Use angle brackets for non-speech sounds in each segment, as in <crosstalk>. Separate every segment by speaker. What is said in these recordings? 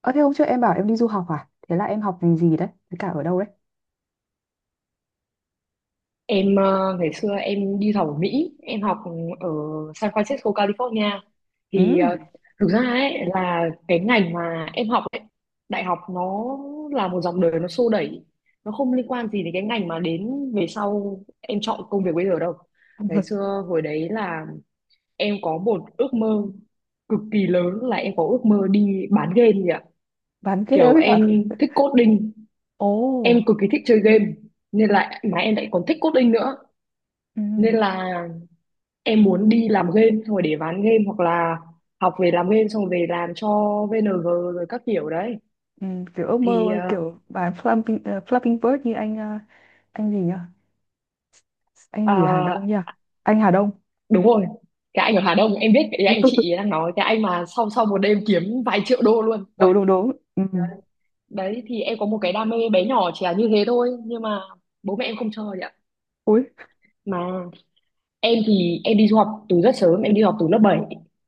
Speaker 1: Ờ thế hôm trước em bảo em đi du học à? Thế là em học ngành gì đấy? Với cả ở đâu đấy?
Speaker 2: Em ngày xưa em đi học ở Mỹ, em học ở San Francisco, California.
Speaker 1: Ừ,
Speaker 2: Thì thực ra ấy là cái ngành mà em học ấy, đại học nó là một dòng đời nó xô đẩy, nó không liên quan gì đến cái ngành mà đến về sau em chọn công việc bây giờ đâu. Ngày xưa hồi đấy là em có một ước mơ cực kỳ lớn, là em có ước mơ đi bán game gì ạ.
Speaker 1: bán ghế
Speaker 2: Kiểu
Speaker 1: với
Speaker 2: em
Speaker 1: cả...
Speaker 2: thích coding,
Speaker 1: <laughs>
Speaker 2: em
Speaker 1: Ồ,
Speaker 2: cực kỳ thích chơi game nên là mà em lại còn thích coding nữa,
Speaker 1: ừ,
Speaker 2: nên là em muốn đi làm game xong rồi để bán game, hoặc là học về làm game xong rồi về làm cho VNG rồi các kiểu đấy.
Speaker 1: ừ, kiểu ước
Speaker 2: Thì
Speaker 1: mơ kiểu bán Flapping, Flapping Bird như anh anh gì nhỉ? Anh
Speaker 2: ờ,
Speaker 1: gì ở Hà Đông nhỉ?
Speaker 2: à,
Speaker 1: Anh Hà Đông.
Speaker 2: đúng rồi, cái anh ở Hà Đông em biết, cái anh chị
Speaker 1: <laughs>
Speaker 2: đang nói, cái anh mà sau sau một đêm kiếm vài triệu đô luôn. Uầy,
Speaker 1: Đúng đúng đúng. Ừ.
Speaker 2: đấy. Đấy thì em có một cái đam mê bé nhỏ chỉ là như thế thôi, nhưng mà bố mẹ em không cho vậy ạ.
Speaker 1: Ui.
Speaker 2: Mà em thì em đi du học từ rất sớm, em đi học từ lớp 7,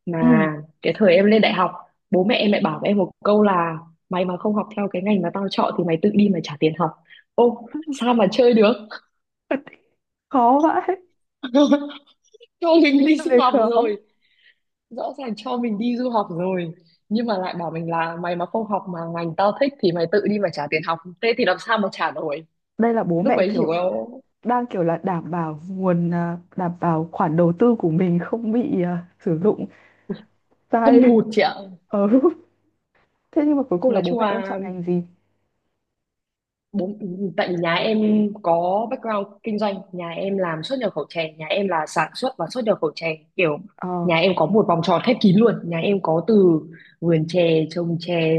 Speaker 2: mà
Speaker 1: Ừ.
Speaker 2: cái thời em lên đại học, bố mẹ em lại bảo với em một câu là mày mà không học theo cái ngành mà tao chọn thì mày tự đi mà trả tiền học. Ô, sao
Speaker 1: <laughs>
Speaker 2: mà chơi được.
Speaker 1: Thật khó vãi.
Speaker 2: <laughs> Cho mình đi
Speaker 1: Em
Speaker 2: du
Speaker 1: thấy
Speaker 2: học
Speaker 1: khó,
Speaker 2: rồi, rõ ràng cho mình đi du học rồi, nhưng mà lại bảo mình là mày mà không học mà ngành tao thích thì mày tự đi mà trả tiền học, thế thì làm sao mà trả nổi.
Speaker 1: đây là bố
Speaker 2: Lúc
Speaker 1: mẹ
Speaker 2: ấy chỉ
Speaker 1: kiểu
Speaker 2: có
Speaker 1: đang kiểu là đảm bảo nguồn, à, đảm bảo khoản đầu tư của mình không bị, à, sử dụng
Speaker 2: hâm
Speaker 1: sai.
Speaker 2: mộ chị ạ.
Speaker 1: <laughs> Ừ. Thế nhưng mà cuối cùng là
Speaker 2: Nói
Speaker 1: bố
Speaker 2: chung
Speaker 1: mẹ em chọn
Speaker 2: là
Speaker 1: ngành gì?
Speaker 2: bốn, tại vì nhà em có background kinh doanh, nhà em làm xuất nhập khẩu chè, nhà em là sản xuất và xuất nhập khẩu chè, kiểu
Speaker 1: Ờ,
Speaker 2: nhà em có một vòng tròn khép kín luôn. Nhà em có từ vườn chè, trồng chè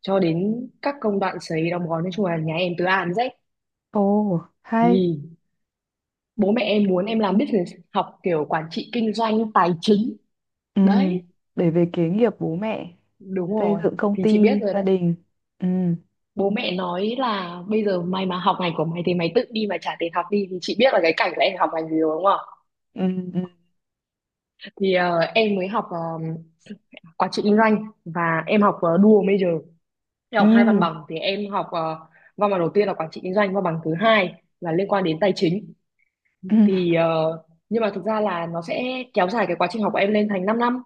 Speaker 2: cho đến các công đoạn sấy, đóng gói, nói chung là nhà em từ A đến Z.
Speaker 1: ồ, hay.
Speaker 2: Thì bố mẹ em muốn em làm business, học kiểu quản trị kinh doanh, tài chính,
Speaker 1: Ừ,
Speaker 2: đấy.
Speaker 1: để về kế nghiệp bố mẹ,
Speaker 2: Đúng
Speaker 1: xây
Speaker 2: rồi,
Speaker 1: dựng công
Speaker 2: thì chị biết
Speaker 1: ty,
Speaker 2: rồi
Speaker 1: gia
Speaker 2: đấy.
Speaker 1: đình. Ừ,
Speaker 2: Bố mẹ nói là bây giờ mày mà học ngành của mày thì mày tự đi mà trả tiền học đi, thì chị biết là cái cảnh là em học ngành gì rồi đúng không.
Speaker 1: ừ, ừ,
Speaker 2: Thì em mới học quản trị kinh doanh, và em học dual major. Em
Speaker 1: ừ,
Speaker 2: học hai văn bằng, thì em học văn bằng đầu tiên là quản trị kinh doanh, văn bằng thứ hai là liên quan đến tài chính.
Speaker 1: ừ,
Speaker 2: Thì nhưng mà thực ra là nó sẽ kéo dài cái quá trình học của em lên thành 5 năm.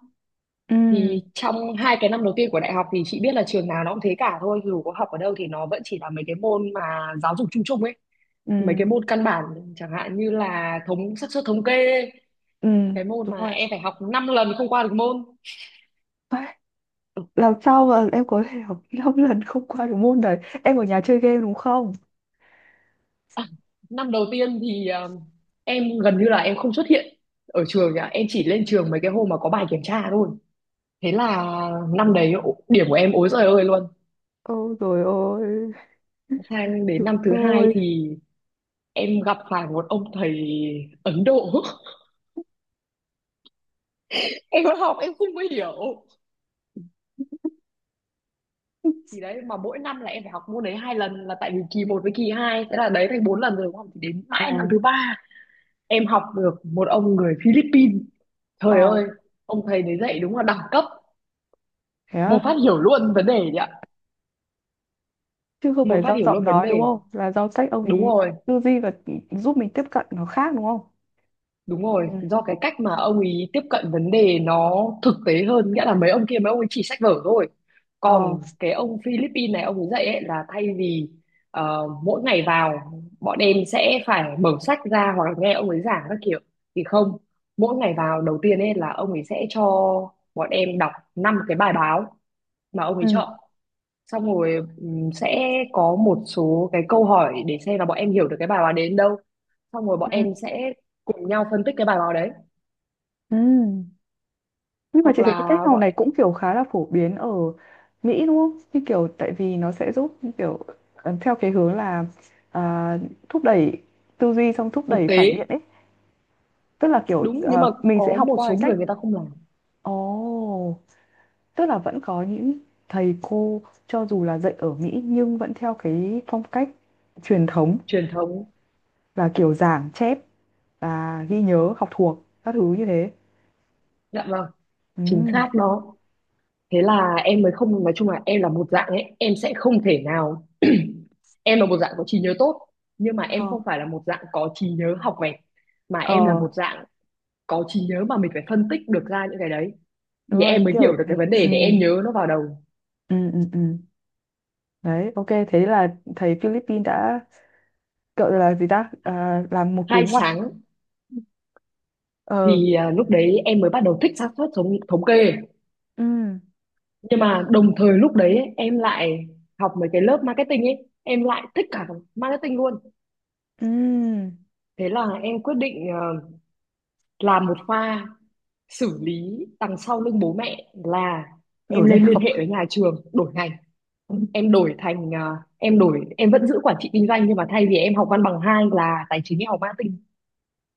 Speaker 1: ừ,
Speaker 2: Thì trong hai cái năm đầu tiên của đại học, thì chị biết là trường nào nó cũng thế cả thôi, dù có học ở đâu thì nó vẫn chỉ là mấy cái môn mà giáo dục chung chung ấy,
Speaker 1: ừ,
Speaker 2: mấy cái môn căn bản, chẳng hạn như là xác suất thống kê,
Speaker 1: ừ,
Speaker 2: cái môn
Speaker 1: đúng
Speaker 2: mà
Speaker 1: rồi.
Speaker 2: em phải học 5 lần không qua được môn.
Speaker 1: Phải, làm sao mà em có thể học 5 lần không qua được môn đấy? Em ở nhà chơi game đúng không?
Speaker 2: À, năm đầu tiên thì em gần như là em không xuất hiện ở trường nhá, em chỉ lên trường mấy cái hôm mà có bài kiểm tra thôi. Thế là năm đấy điểm của em ối giời ơi luôn.
Speaker 1: Ôi rồi ôi,
Speaker 2: Sang đến
Speaker 1: chúng
Speaker 2: năm thứ hai
Speaker 1: tôi.
Speaker 2: thì em gặp phải một ông thầy Ấn Độ, <laughs> em học em không có hiểu. Thì đấy mà mỗi năm là em phải học môn đấy hai lần là tại vì kỳ một với kỳ hai, thế là đấy thành bốn lần rồi đúng không. Thì đến
Speaker 1: Ờ,
Speaker 2: mãi năm thứ ba, em học được một ông người Philippines,
Speaker 1: ờ,
Speaker 2: trời ơi, ông thầy đấy dạy đúng là đẳng cấp,
Speaker 1: thế á?
Speaker 2: một phát hiểu luôn vấn đề nhỉ.
Speaker 1: Chứ không
Speaker 2: Một
Speaker 1: phải
Speaker 2: phát
Speaker 1: do
Speaker 2: hiểu
Speaker 1: giọng
Speaker 2: luôn vấn
Speaker 1: nói đúng
Speaker 2: đề.
Speaker 1: không? Là do cách ông
Speaker 2: Đúng
Speaker 1: ý
Speaker 2: rồi.
Speaker 1: tư duy và giúp mình tiếp cận nó khác đúng không?
Speaker 2: Đúng rồi,
Speaker 1: Ừ.
Speaker 2: do cái cách mà ông ấy tiếp cận vấn đề nó thực tế hơn, nghĩa là mấy ông kia, mấy ông ấy chỉ sách vở thôi.
Speaker 1: Ờ.
Speaker 2: Còn cái ông Philippines này, ông ấy dạy ấy là thay vì mỗi ngày vào, bọn em sẽ phải mở sách ra hoặc là nghe ông ấy giảng các kiểu, thì không. Mỗi ngày vào đầu tiên ấy là ông ấy sẽ cho bọn em đọc năm cái bài báo mà ông ấy
Speaker 1: Ừ.
Speaker 2: chọn. Xong rồi sẽ có một số cái câu hỏi để xem là bọn em hiểu được cái bài báo đến đâu. Xong rồi
Speaker 1: Ừ.
Speaker 2: bọn em sẽ cùng nhau phân tích cái bài báo đấy,
Speaker 1: Ừ. Nhưng mà
Speaker 2: hoặc
Speaker 1: chị thấy cái
Speaker 2: là
Speaker 1: cách học
Speaker 2: bọn
Speaker 1: này cũng kiểu khá là phổ biến ở Mỹ đúng không? Như kiểu tại vì nó sẽ giúp kiểu theo cái hướng là, à, thúc đẩy tư duy xong thúc
Speaker 2: thực
Speaker 1: đẩy phản
Speaker 2: tế.
Speaker 1: biện ấy. Tức là kiểu
Speaker 2: Đúng, nhưng mà
Speaker 1: mình sẽ
Speaker 2: có
Speaker 1: học
Speaker 2: một
Speaker 1: qua cái
Speaker 2: số người
Speaker 1: cách.
Speaker 2: người ta không làm
Speaker 1: Ồ, tức là vẫn có những thầy cô cho dù là dạy ở Mỹ nhưng vẫn theo cái phong cách truyền thống
Speaker 2: truyền thống.
Speaker 1: là kiểu giảng chép và ghi nhớ học thuộc các thứ như thế.
Speaker 2: Dạ vâng,
Speaker 1: Ừ.
Speaker 2: chính xác đó. Thế là em mới không, nói chung là em là một dạng ấy, em sẽ không thể nào, em là một dạng có trí nhớ tốt nhưng mà em
Speaker 1: Ờ.
Speaker 2: không phải là một dạng có trí nhớ học vẹt, mà em là
Speaker 1: Ờ
Speaker 2: một dạng có trí nhớ mà mình phải phân tích được ra những cái đấy,
Speaker 1: đúng
Speaker 2: thì
Speaker 1: rồi
Speaker 2: em mới
Speaker 1: kiểu
Speaker 2: hiểu được cái
Speaker 1: mình,
Speaker 2: vấn đề
Speaker 1: ừ,
Speaker 2: để em nhớ nó vào đầu.
Speaker 1: ừ, ừ, ừ, đấy ok, thế là thấy Philippines đã kiểu là gì ta, à, làm một cú
Speaker 2: Hai
Speaker 1: ngoặt.
Speaker 2: sáng,
Speaker 1: Ờ,
Speaker 2: thì lúc đấy em mới bắt đầu thích xác suất thống thống kê.
Speaker 1: ừ,
Speaker 2: Nhưng mà đồng thời lúc đấy ấy, em lại học mấy cái lớp marketing ấy, em lại thích cả marketing luôn.
Speaker 1: ừ,
Speaker 2: Thế là em quyết định làm một pha xử lý đằng sau lưng bố mẹ, là em
Speaker 1: đổi ngành
Speaker 2: lên liên
Speaker 1: học.
Speaker 2: hệ với nhà trường đổi ngành.
Speaker 1: Ừ.
Speaker 2: Em đổi thành ờ, em đổi em vẫn giữ quản trị kinh doanh, nhưng mà thay vì em học văn bằng hai là tài chính, em học marketing.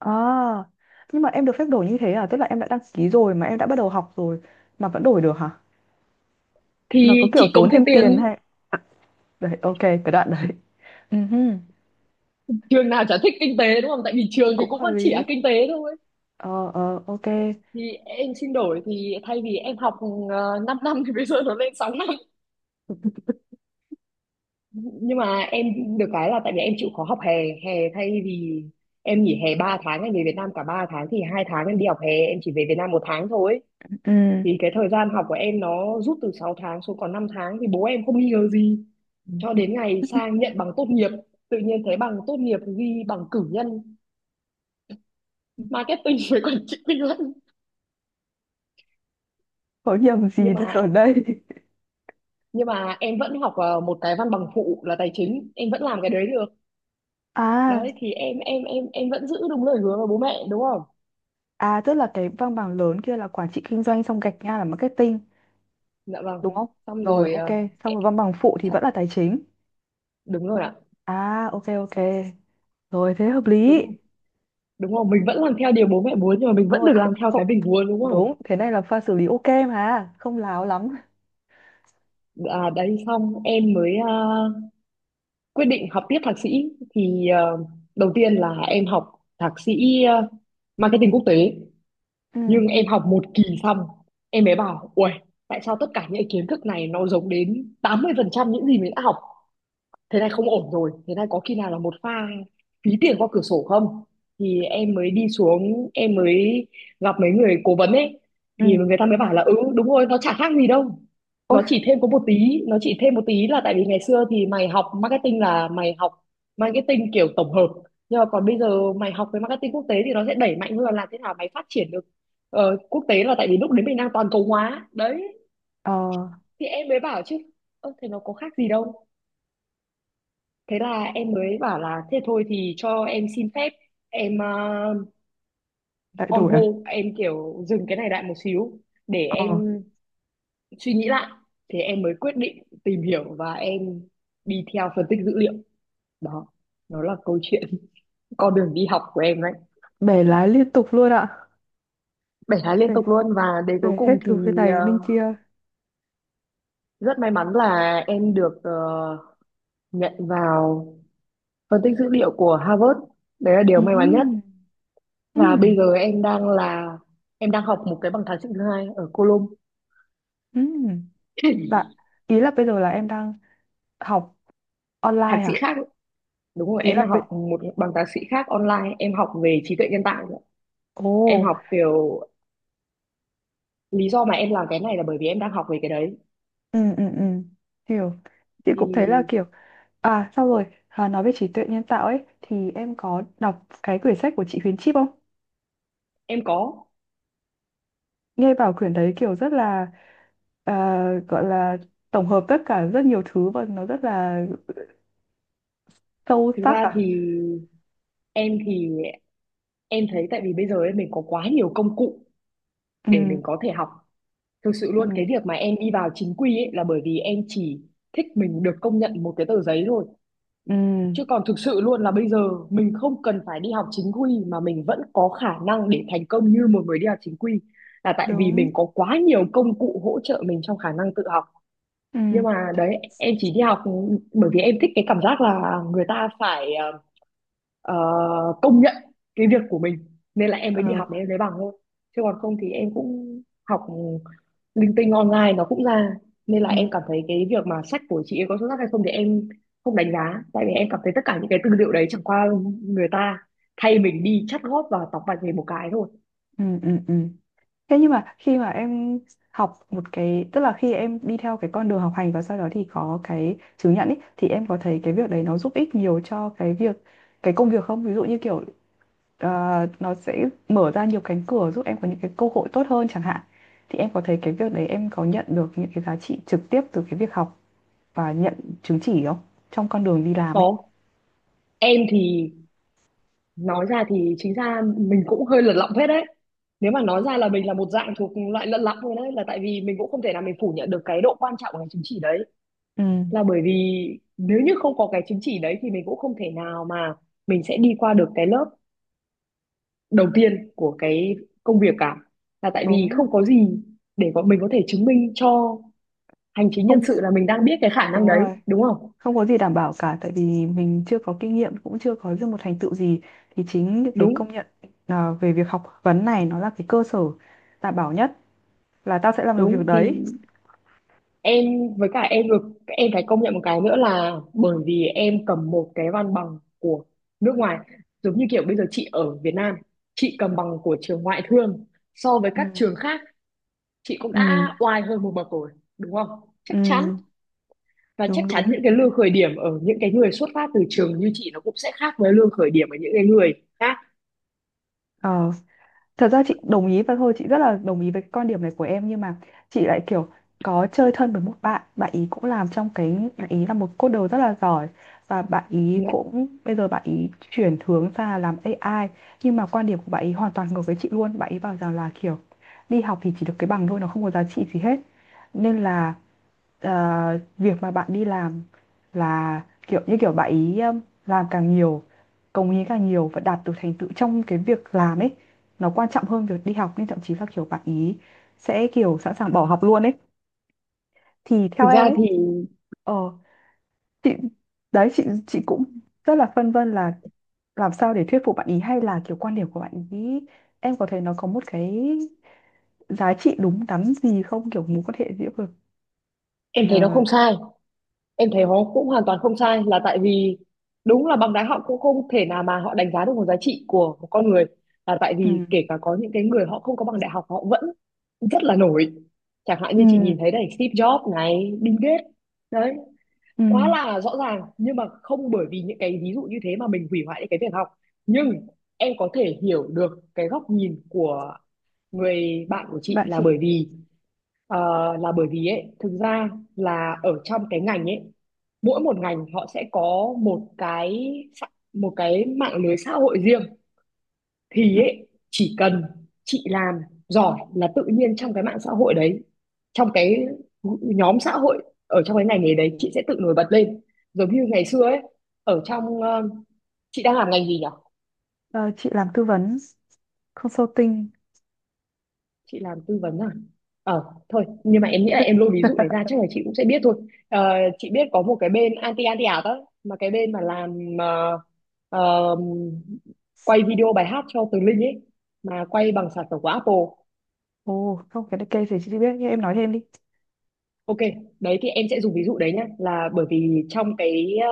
Speaker 1: À nhưng mà em được phép đổi như thế à, tức là em đã đăng ký rồi mà em đã bắt đầu học rồi mà vẫn đổi được hả? Nó có
Speaker 2: Thì
Speaker 1: kiểu
Speaker 2: chị cống
Speaker 1: tốn
Speaker 2: thêm
Speaker 1: thêm tiền
Speaker 2: tiền,
Speaker 1: hay. Đấy ok cái đoạn đấy. Ừ hừ.
Speaker 2: trường nào chả thích kinh tế đúng không, tại vì
Speaker 1: Thì
Speaker 2: trường thì
Speaker 1: cũng
Speaker 2: cũng
Speaker 1: hợp
Speaker 2: vẫn chỉ là
Speaker 1: lý.
Speaker 2: kinh tế thôi.
Speaker 1: Ờ ờ ok.
Speaker 2: Thì em xin đổi, thì thay vì em học 5 năm thì bây giờ nó lên 6 năm. Nhưng mà em được cái là tại vì em chịu khó học hè, hè thay vì em nghỉ hè 3 tháng em về Việt Nam cả 3 tháng, thì 2 tháng em đi học hè, em chỉ về Việt Nam một tháng thôi.
Speaker 1: Ừ
Speaker 2: Thì cái thời gian học của em nó rút từ 6 tháng xuống còn 5 tháng, thì bố em không nghi ngờ gì cho đến ngày sang nhận bằng tốt nghiệp, tự nhiên thấy bằng tốt nghiệp ghi bằng cử nhân marketing <laughs> với quản trị kinh doanh.
Speaker 1: có nhầm gì
Speaker 2: nhưng
Speaker 1: đây
Speaker 2: mà
Speaker 1: ở đây.
Speaker 2: nhưng mà em vẫn học một cái văn bằng phụ là tài chính, em vẫn làm cái đấy được.
Speaker 1: À,
Speaker 2: Đấy thì em vẫn giữ đúng lời hứa với bố mẹ đúng không.
Speaker 1: à tức là cái văn bằng lớn kia là quản trị kinh doanh xong gạch ngang là marketing
Speaker 2: Dạ vâng,
Speaker 1: đúng không?
Speaker 2: xong
Speaker 1: Rồi
Speaker 2: rồi
Speaker 1: ok, xong
Speaker 2: ẹ,
Speaker 1: rồi văn bằng phụ thì
Speaker 2: chắc-
Speaker 1: vẫn là tài chính.
Speaker 2: đúng rồi ạ.
Speaker 1: À ok ok. Rồi thế hợp
Speaker 2: Đúng
Speaker 1: lý.
Speaker 2: không, đúng rồi, mình vẫn làm theo điều bố mẹ muốn nhưng mà mình
Speaker 1: Đúng
Speaker 2: vẫn
Speaker 1: rồi,
Speaker 2: được làm theo
Speaker 1: không
Speaker 2: cái mình muốn đúng không.
Speaker 1: đúng, thế này là pha xử lý ok mà, không láo lắm.
Speaker 2: Đấy, xong em mới quyết định học tiếp thạc sĩ. Thì đầu tiên là em học thạc sĩ marketing quốc tế.
Speaker 1: Ừ.
Speaker 2: Nhưng em học một kỳ xong, em mới bảo ui, tại sao tất cả những kiến thức này nó giống đến 80% những gì mình đã học. Thế này không ổn rồi, thế này có khi nào là một pha phí tiền qua cửa sổ không. Thì em mới đi xuống, em mới gặp mấy người cố vấn ấy,
Speaker 1: Ừ.
Speaker 2: thì người ta mới bảo là ừ đúng rồi, nó chả khác gì đâu.
Speaker 1: Ôi,
Speaker 2: Nó chỉ thêm có một tí, nó chỉ thêm một tí là tại vì ngày xưa thì mày học marketing là mày học marketing kiểu tổng hợp, nhưng mà còn bây giờ mày học về marketing quốc tế thì nó sẽ đẩy mạnh hơn là làm thế nào mày phát triển được quốc tế, là tại vì lúc đấy mình đang toàn cầu hóa đấy.
Speaker 1: ờ
Speaker 2: Thì em mới bảo chứ, ơ thế nó có khác gì đâu. Thế là em mới bảo là thế thôi, thì cho em xin phép, em
Speaker 1: lại
Speaker 2: on
Speaker 1: đổi à?
Speaker 2: hold, em kiểu dừng cái này lại một xíu để
Speaker 1: Ờ,
Speaker 2: em suy nghĩ lại. Thì em mới quyết định tìm hiểu và em đi theo phân tích dữ liệu. Đó, nó là câu chuyện <laughs> con đường đi học của em đấy.
Speaker 1: bẻ lái liên tục luôn ạ.
Speaker 2: 7 tháng liên
Speaker 1: Bẻ,
Speaker 2: tục luôn, và đến cuối
Speaker 1: bẻ hết
Speaker 2: cùng
Speaker 1: từ bên
Speaker 2: thì
Speaker 1: này đến bên kia.
Speaker 2: rất may mắn là em được nhận vào phân tích dữ liệu của Harvard, đấy là điều
Speaker 1: Ừ.
Speaker 2: may mắn nhất. Và
Speaker 1: Ừ.
Speaker 2: bây giờ em đang là em đang học một cái bằng thạc sĩ thứ hai ở Colom.
Speaker 1: Ừ. Bạn
Speaker 2: <laughs>
Speaker 1: ý là bây giờ là em đang học
Speaker 2: Thạc
Speaker 1: online
Speaker 2: sĩ
Speaker 1: à?
Speaker 2: khác ấy. Đúng rồi,
Speaker 1: Ý
Speaker 2: em
Speaker 1: là
Speaker 2: đang
Speaker 1: bây-
Speaker 2: học một bằng thạc sĩ khác online, em học về trí tuệ nhân tạo nữa. Em
Speaker 1: Ồ,
Speaker 2: học kiểu lý do mà em làm cái này là bởi vì em đang học về cái đấy
Speaker 1: ừ, ừ, ừ, hiểu. Chị cũng thấy là
Speaker 2: thì
Speaker 1: kiểu, à, xong rồi, à, nói về trí tuệ nhân tạo ấy, thì em có đọc cái quyển sách của chị Huyền Chip không?
Speaker 2: em có,
Speaker 1: Nghe bảo quyển đấy kiểu rất là, à, gọi là tổng hợp tất cả rất nhiều thứ và nó rất là sâu
Speaker 2: thực
Speaker 1: sắc
Speaker 2: ra thì
Speaker 1: à?
Speaker 2: em thì em thấy tại vì bây giờ ấy, mình có quá nhiều công cụ
Speaker 1: Ừ,
Speaker 2: để mình có thể học. Thực sự luôn cái
Speaker 1: ừ,
Speaker 2: việc mà em đi vào chính quy ấy là bởi vì em chỉ thích mình được công nhận một cái tờ giấy thôi.
Speaker 1: ừ,
Speaker 2: Chứ còn thực sự luôn là bây giờ mình không cần phải đi học chính quy mà mình vẫn có khả năng để thành công như một người đi học chính quy, là tại vì
Speaker 1: đúng,
Speaker 2: mình có quá nhiều công cụ hỗ trợ mình trong khả năng tự học. Nhưng
Speaker 1: ừ,
Speaker 2: mà đấy, em chỉ đi học bởi vì em thích cái cảm giác là người ta phải ờ, công nhận cái việc của mình, nên là em mới đi
Speaker 1: ờ,
Speaker 2: học để em lấy bằng thôi. Chứ còn không thì em cũng học linh tinh online nó cũng ra, nên là
Speaker 1: ừ,
Speaker 2: em cảm thấy cái việc mà sách của chị ấy có xuất sắc hay không thì em không đánh giá, tại vì em cảm thấy tất cả những cái tư liệu đấy chẳng qua người ta thay mình đi chắt góp và tóc bạch về một cái thôi.
Speaker 1: ừ, ừ, ừ. Thế nhưng mà khi mà em học một cái, tức là khi em đi theo cái con đường học hành và sau đó thì có cái chứng nhận ý, thì em có thấy cái việc đấy nó giúp ích nhiều cho cái việc, cái công việc không? Ví dụ như kiểu ờ, nó sẽ mở ra nhiều cánh cửa giúp em có những cái cơ hội tốt hơn chẳng hạn. Thì em có thấy cái việc đấy em có nhận được những cái giá trị trực tiếp từ cái việc học và nhận chứng chỉ không? Trong con đường đi làm ấy.
Speaker 2: Có, em thì nói ra thì chính ra mình cũng hơi lật lọng phết đấy, nếu mà nói ra là mình là một dạng thuộc loại lật lọng thôi, đấy là tại vì mình cũng không thể nào mình phủ nhận được cái độ quan trọng của cái chứng chỉ đấy,
Speaker 1: Ừ,
Speaker 2: là bởi vì nếu như không có cái chứng chỉ đấy thì mình cũng không thể nào mà mình sẽ đi qua được cái lớp đầu tiên của cái công việc cả, là tại vì
Speaker 1: đúng.
Speaker 2: không có gì để bọn mình có thể chứng minh cho hành chính nhân
Speaker 1: Không,
Speaker 2: sự là mình đang biết cái khả năng
Speaker 1: đúng
Speaker 2: đấy,
Speaker 1: rồi.
Speaker 2: đúng không?
Speaker 1: Không có gì đảm bảo cả tại vì mình chưa có kinh nghiệm cũng chưa có được một thành tựu gì, thì chính những cái
Speaker 2: Đúng,
Speaker 1: công nhận, à, về việc học vấn này nó là cái cơ sở đảm bảo nhất là tao sẽ làm được việc
Speaker 2: đúng, thì
Speaker 1: đấy.
Speaker 2: em với cả em được, em phải công nhận một cái nữa là bởi vì em cầm một cái văn bằng của nước ngoài, giống như kiểu bây giờ chị ở Việt Nam, chị cầm bằng của trường ngoại thương so với
Speaker 1: Ừ,
Speaker 2: các trường khác, chị cũng
Speaker 1: ừ,
Speaker 2: đã oai hơn một bậc rồi, đúng không? Chắc chắn,
Speaker 1: ừ,
Speaker 2: và chắc
Speaker 1: đúng
Speaker 2: chắn
Speaker 1: đúng.
Speaker 2: những cái lương khởi điểm ở những cái người xuất phát từ trường như chị nó cũng sẽ khác với lương khởi điểm ở những cái người khác.
Speaker 1: Ờ, thật ra chị đồng ý và thôi chị rất là đồng ý với cái quan điểm này của em nhưng mà chị lại kiểu có chơi thân với một bạn, bạn ý cũng làm trong cái, bạn ý là một coder rất là giỏi và bạn ý
Speaker 2: Dạ.
Speaker 1: cũng bây giờ bạn ý chuyển hướng ra làm AI. Nhưng mà quan điểm của bạn ý hoàn toàn ngược với chị luôn, bạn ý bảo rằng là kiểu đi học thì chỉ được cái bằng thôi, nó không có giá trị gì hết, nên là ờ, việc mà bạn đi làm là kiểu như kiểu bạn ý, làm càng nhiều, cống hiến càng nhiều và đạt được thành tựu trong cái việc làm ấy nó quan trọng hơn việc đi học, nên thậm chí là kiểu bạn ý sẽ kiểu sẵn sàng bỏ học luôn ấy. Thì
Speaker 2: Thực
Speaker 1: theo em
Speaker 2: ra
Speaker 1: ấy,
Speaker 2: thì
Speaker 1: ờ, chị đấy chị cũng rất là phân vân là làm sao để thuyết phục bạn ý, hay là kiểu quan điểm của bạn ý em có thấy nó có một cái giá trị đúng đắn gì không, kiểu mối quan hệ giữa vực.
Speaker 2: em thấy nó
Speaker 1: Ờ,
Speaker 2: không sai, em thấy nó cũng hoàn toàn không sai, là tại vì đúng là bằng đá họ cũng không thể nào mà họ đánh giá được một giá trị của một con người, là tại
Speaker 1: ừ,
Speaker 2: vì kể cả có những cái người họ không có bằng đại học họ vẫn rất là nổi, chẳng hạn như chị
Speaker 1: ừ,
Speaker 2: nhìn thấy này, Steve Jobs này, Bill Gates, đấy,
Speaker 1: ừ,
Speaker 2: quá là rõ ràng. Nhưng mà không bởi vì những cái ví dụ như thế mà mình hủy hoại những cái việc học. Nhưng em có thể hiểu được cái góc nhìn của người bạn của chị,
Speaker 1: bạn
Speaker 2: là
Speaker 1: chị.
Speaker 2: bởi vì ờ, là bởi vì ấy, thực ra là ở trong cái ngành ấy, mỗi một ngành họ sẽ có một cái một cái mạng lưới xã hội riêng,
Speaker 1: Ừ,
Speaker 2: thì ấy, chỉ cần chị làm giỏi là tự nhiên trong cái mạng xã hội đấy, trong cái nhóm xã hội ở trong cái ngành nghề đấy, chị sẽ tự nổi bật lên. Giống như ngày xưa ấy, ở trong chị đang làm ngành gì nhỉ?
Speaker 1: ờ, chị làm tư vấn, consulting.
Speaker 2: Chị làm tư vấn à? Ờ, thôi nhưng mà em nghĩ là em lôi ví dụ này ra
Speaker 1: <laughs>
Speaker 2: chắc là chị cũng sẽ biết thôi. Ờ, chị biết có một cái bên anti anti ảo đó mà, cái bên mà làm ờ, quay video bài hát cho Tường Linh ấy, mà quay bằng sản phẩm của Apple.
Speaker 1: Ồ không cái này cây thì chị biết nhưng em nói thêm đi.
Speaker 2: Ok, đấy thì em sẽ dùng ví dụ đấy nhá, là bởi vì trong cái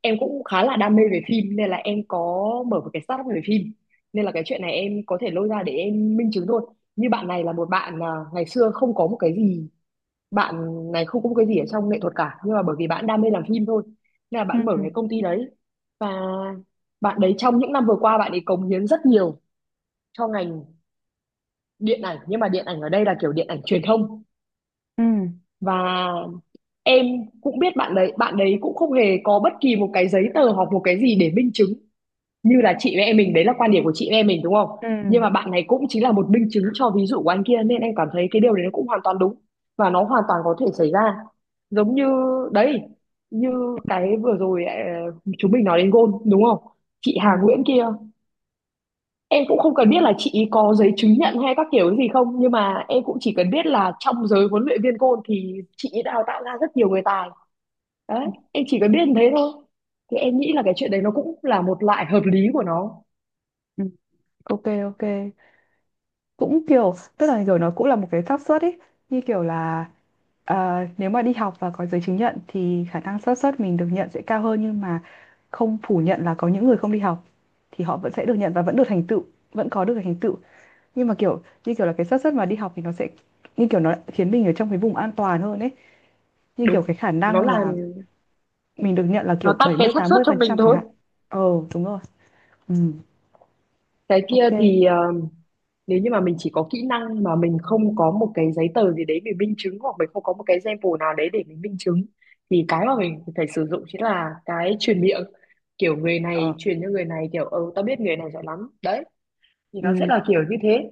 Speaker 2: em cũng khá là đam mê về phim nên là em có mở một cái startup về phim. Nên là cái chuyện này em có thể lôi ra để em minh chứng thôi. Như bạn này là một bạn à, ngày xưa không có một cái gì, bạn này không có một cái gì ở trong nghệ thuật cả, nhưng mà bởi vì bạn đam mê làm phim thôi. Nên là
Speaker 1: Ừ,
Speaker 2: bạn mở cái công ty đấy, và bạn đấy trong những năm vừa qua bạn ấy cống hiến rất nhiều cho ngành điện ảnh, nhưng mà điện ảnh ở đây là kiểu điện ảnh truyền thông.
Speaker 1: ừ,
Speaker 2: Và em cũng biết bạn đấy cũng không hề có bất kỳ một cái giấy tờ hoặc một cái gì để minh chứng như là chị với em mình, đấy là quan điểm của chị với em mình, đúng không?
Speaker 1: ừ,
Speaker 2: Nhưng mà bạn này cũng chính là một minh chứng cho ví dụ của anh kia, nên em cảm thấy cái điều đấy nó cũng hoàn toàn đúng, và nó hoàn toàn có thể xảy ra. Giống như đấy, như
Speaker 1: ừ,
Speaker 2: cái vừa rồi chúng mình nói đến gôn đúng không, chị Hà
Speaker 1: ừ,
Speaker 2: Nguyễn kia, em cũng không cần biết là chị ý có giấy chứng nhận hay các kiểu cái gì không, nhưng mà em cũng chỉ cần biết là trong giới huấn luyện viên gôn thì chị ý đào tạo ra rất nhiều người tài, đấy
Speaker 1: ừ,
Speaker 2: em chỉ có biết như thế thôi. Thì em nghĩ là cái chuyện đấy nó cũng là một loại hợp lý của nó.
Speaker 1: ừ. Ok ok, cũng kiểu tức là kiểu nó cũng là một cái xác suất ấy, như kiểu là, ờ, nếu mà đi học và có giấy chứng nhận thì khả năng xác suất mình được nhận sẽ cao hơn, nhưng mà không phủ nhận là có những người không đi học thì họ vẫn sẽ được nhận và vẫn được thành tựu, vẫn có được thành tựu. Nhưng mà kiểu như kiểu là cái xác suất mà đi học thì nó sẽ, như kiểu nó khiến mình ở trong cái vùng an toàn hơn ấy, như kiểu
Speaker 2: Đúng,
Speaker 1: cái khả
Speaker 2: nó
Speaker 1: năng
Speaker 2: là,
Speaker 1: là mình được nhận là
Speaker 2: nó
Speaker 1: kiểu
Speaker 2: tăng
Speaker 1: bảy
Speaker 2: cái
Speaker 1: mươi
Speaker 2: xác
Speaker 1: tám
Speaker 2: suất
Speaker 1: mươi
Speaker 2: cho
Speaker 1: phần
Speaker 2: mình
Speaker 1: trăm chẳng
Speaker 2: thôi.
Speaker 1: hạn. Ờ đúng rồi. Ừ
Speaker 2: Cái kia
Speaker 1: ok.
Speaker 2: thì nếu như mà mình chỉ có kỹ năng mà mình không có một cái giấy tờ gì đấy mình minh chứng, hoặc mình không có một cái sample nào đấy để mình minh chứng, thì cái mà mình phải sử dụng chính là cái truyền miệng, kiểu người
Speaker 1: Ờ
Speaker 2: này truyền cho người này kiểu ừ tao biết người này giỏi lắm đấy, thì nó sẽ
Speaker 1: ừ.
Speaker 2: là kiểu như thế.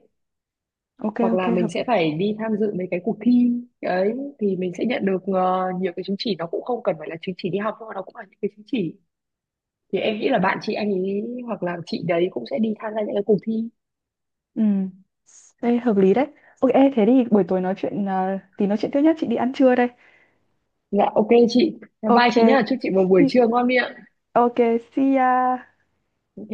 Speaker 1: Ok
Speaker 2: Hoặc
Speaker 1: ok
Speaker 2: là mình
Speaker 1: hợp
Speaker 2: sẽ
Speaker 1: lý.
Speaker 2: phải đi tham dự mấy cái cuộc thi ấy, thì mình sẽ nhận được nhiều cái chứng chỉ, nó cũng không cần phải là chứng chỉ đi học nhưng mà nó cũng là những cái chứng chỉ, thì em nghĩ là bạn chị anh ấy hoặc là chị đấy cũng sẽ đi tham gia những cái cuộc thi.
Speaker 1: Ừ đây hợp lý đấy. Ok ê, thế thì buổi tối nói chuyện, thì nói chuyện tiếp nhé, chị đi ăn trưa đây.
Speaker 2: Dạ, ok chị, bye
Speaker 1: Ok,
Speaker 2: chị nhá, chúc chị một buổi
Speaker 1: see,
Speaker 2: trưa ngon miệng.
Speaker 1: ok, see ya.
Speaker 2: Ok.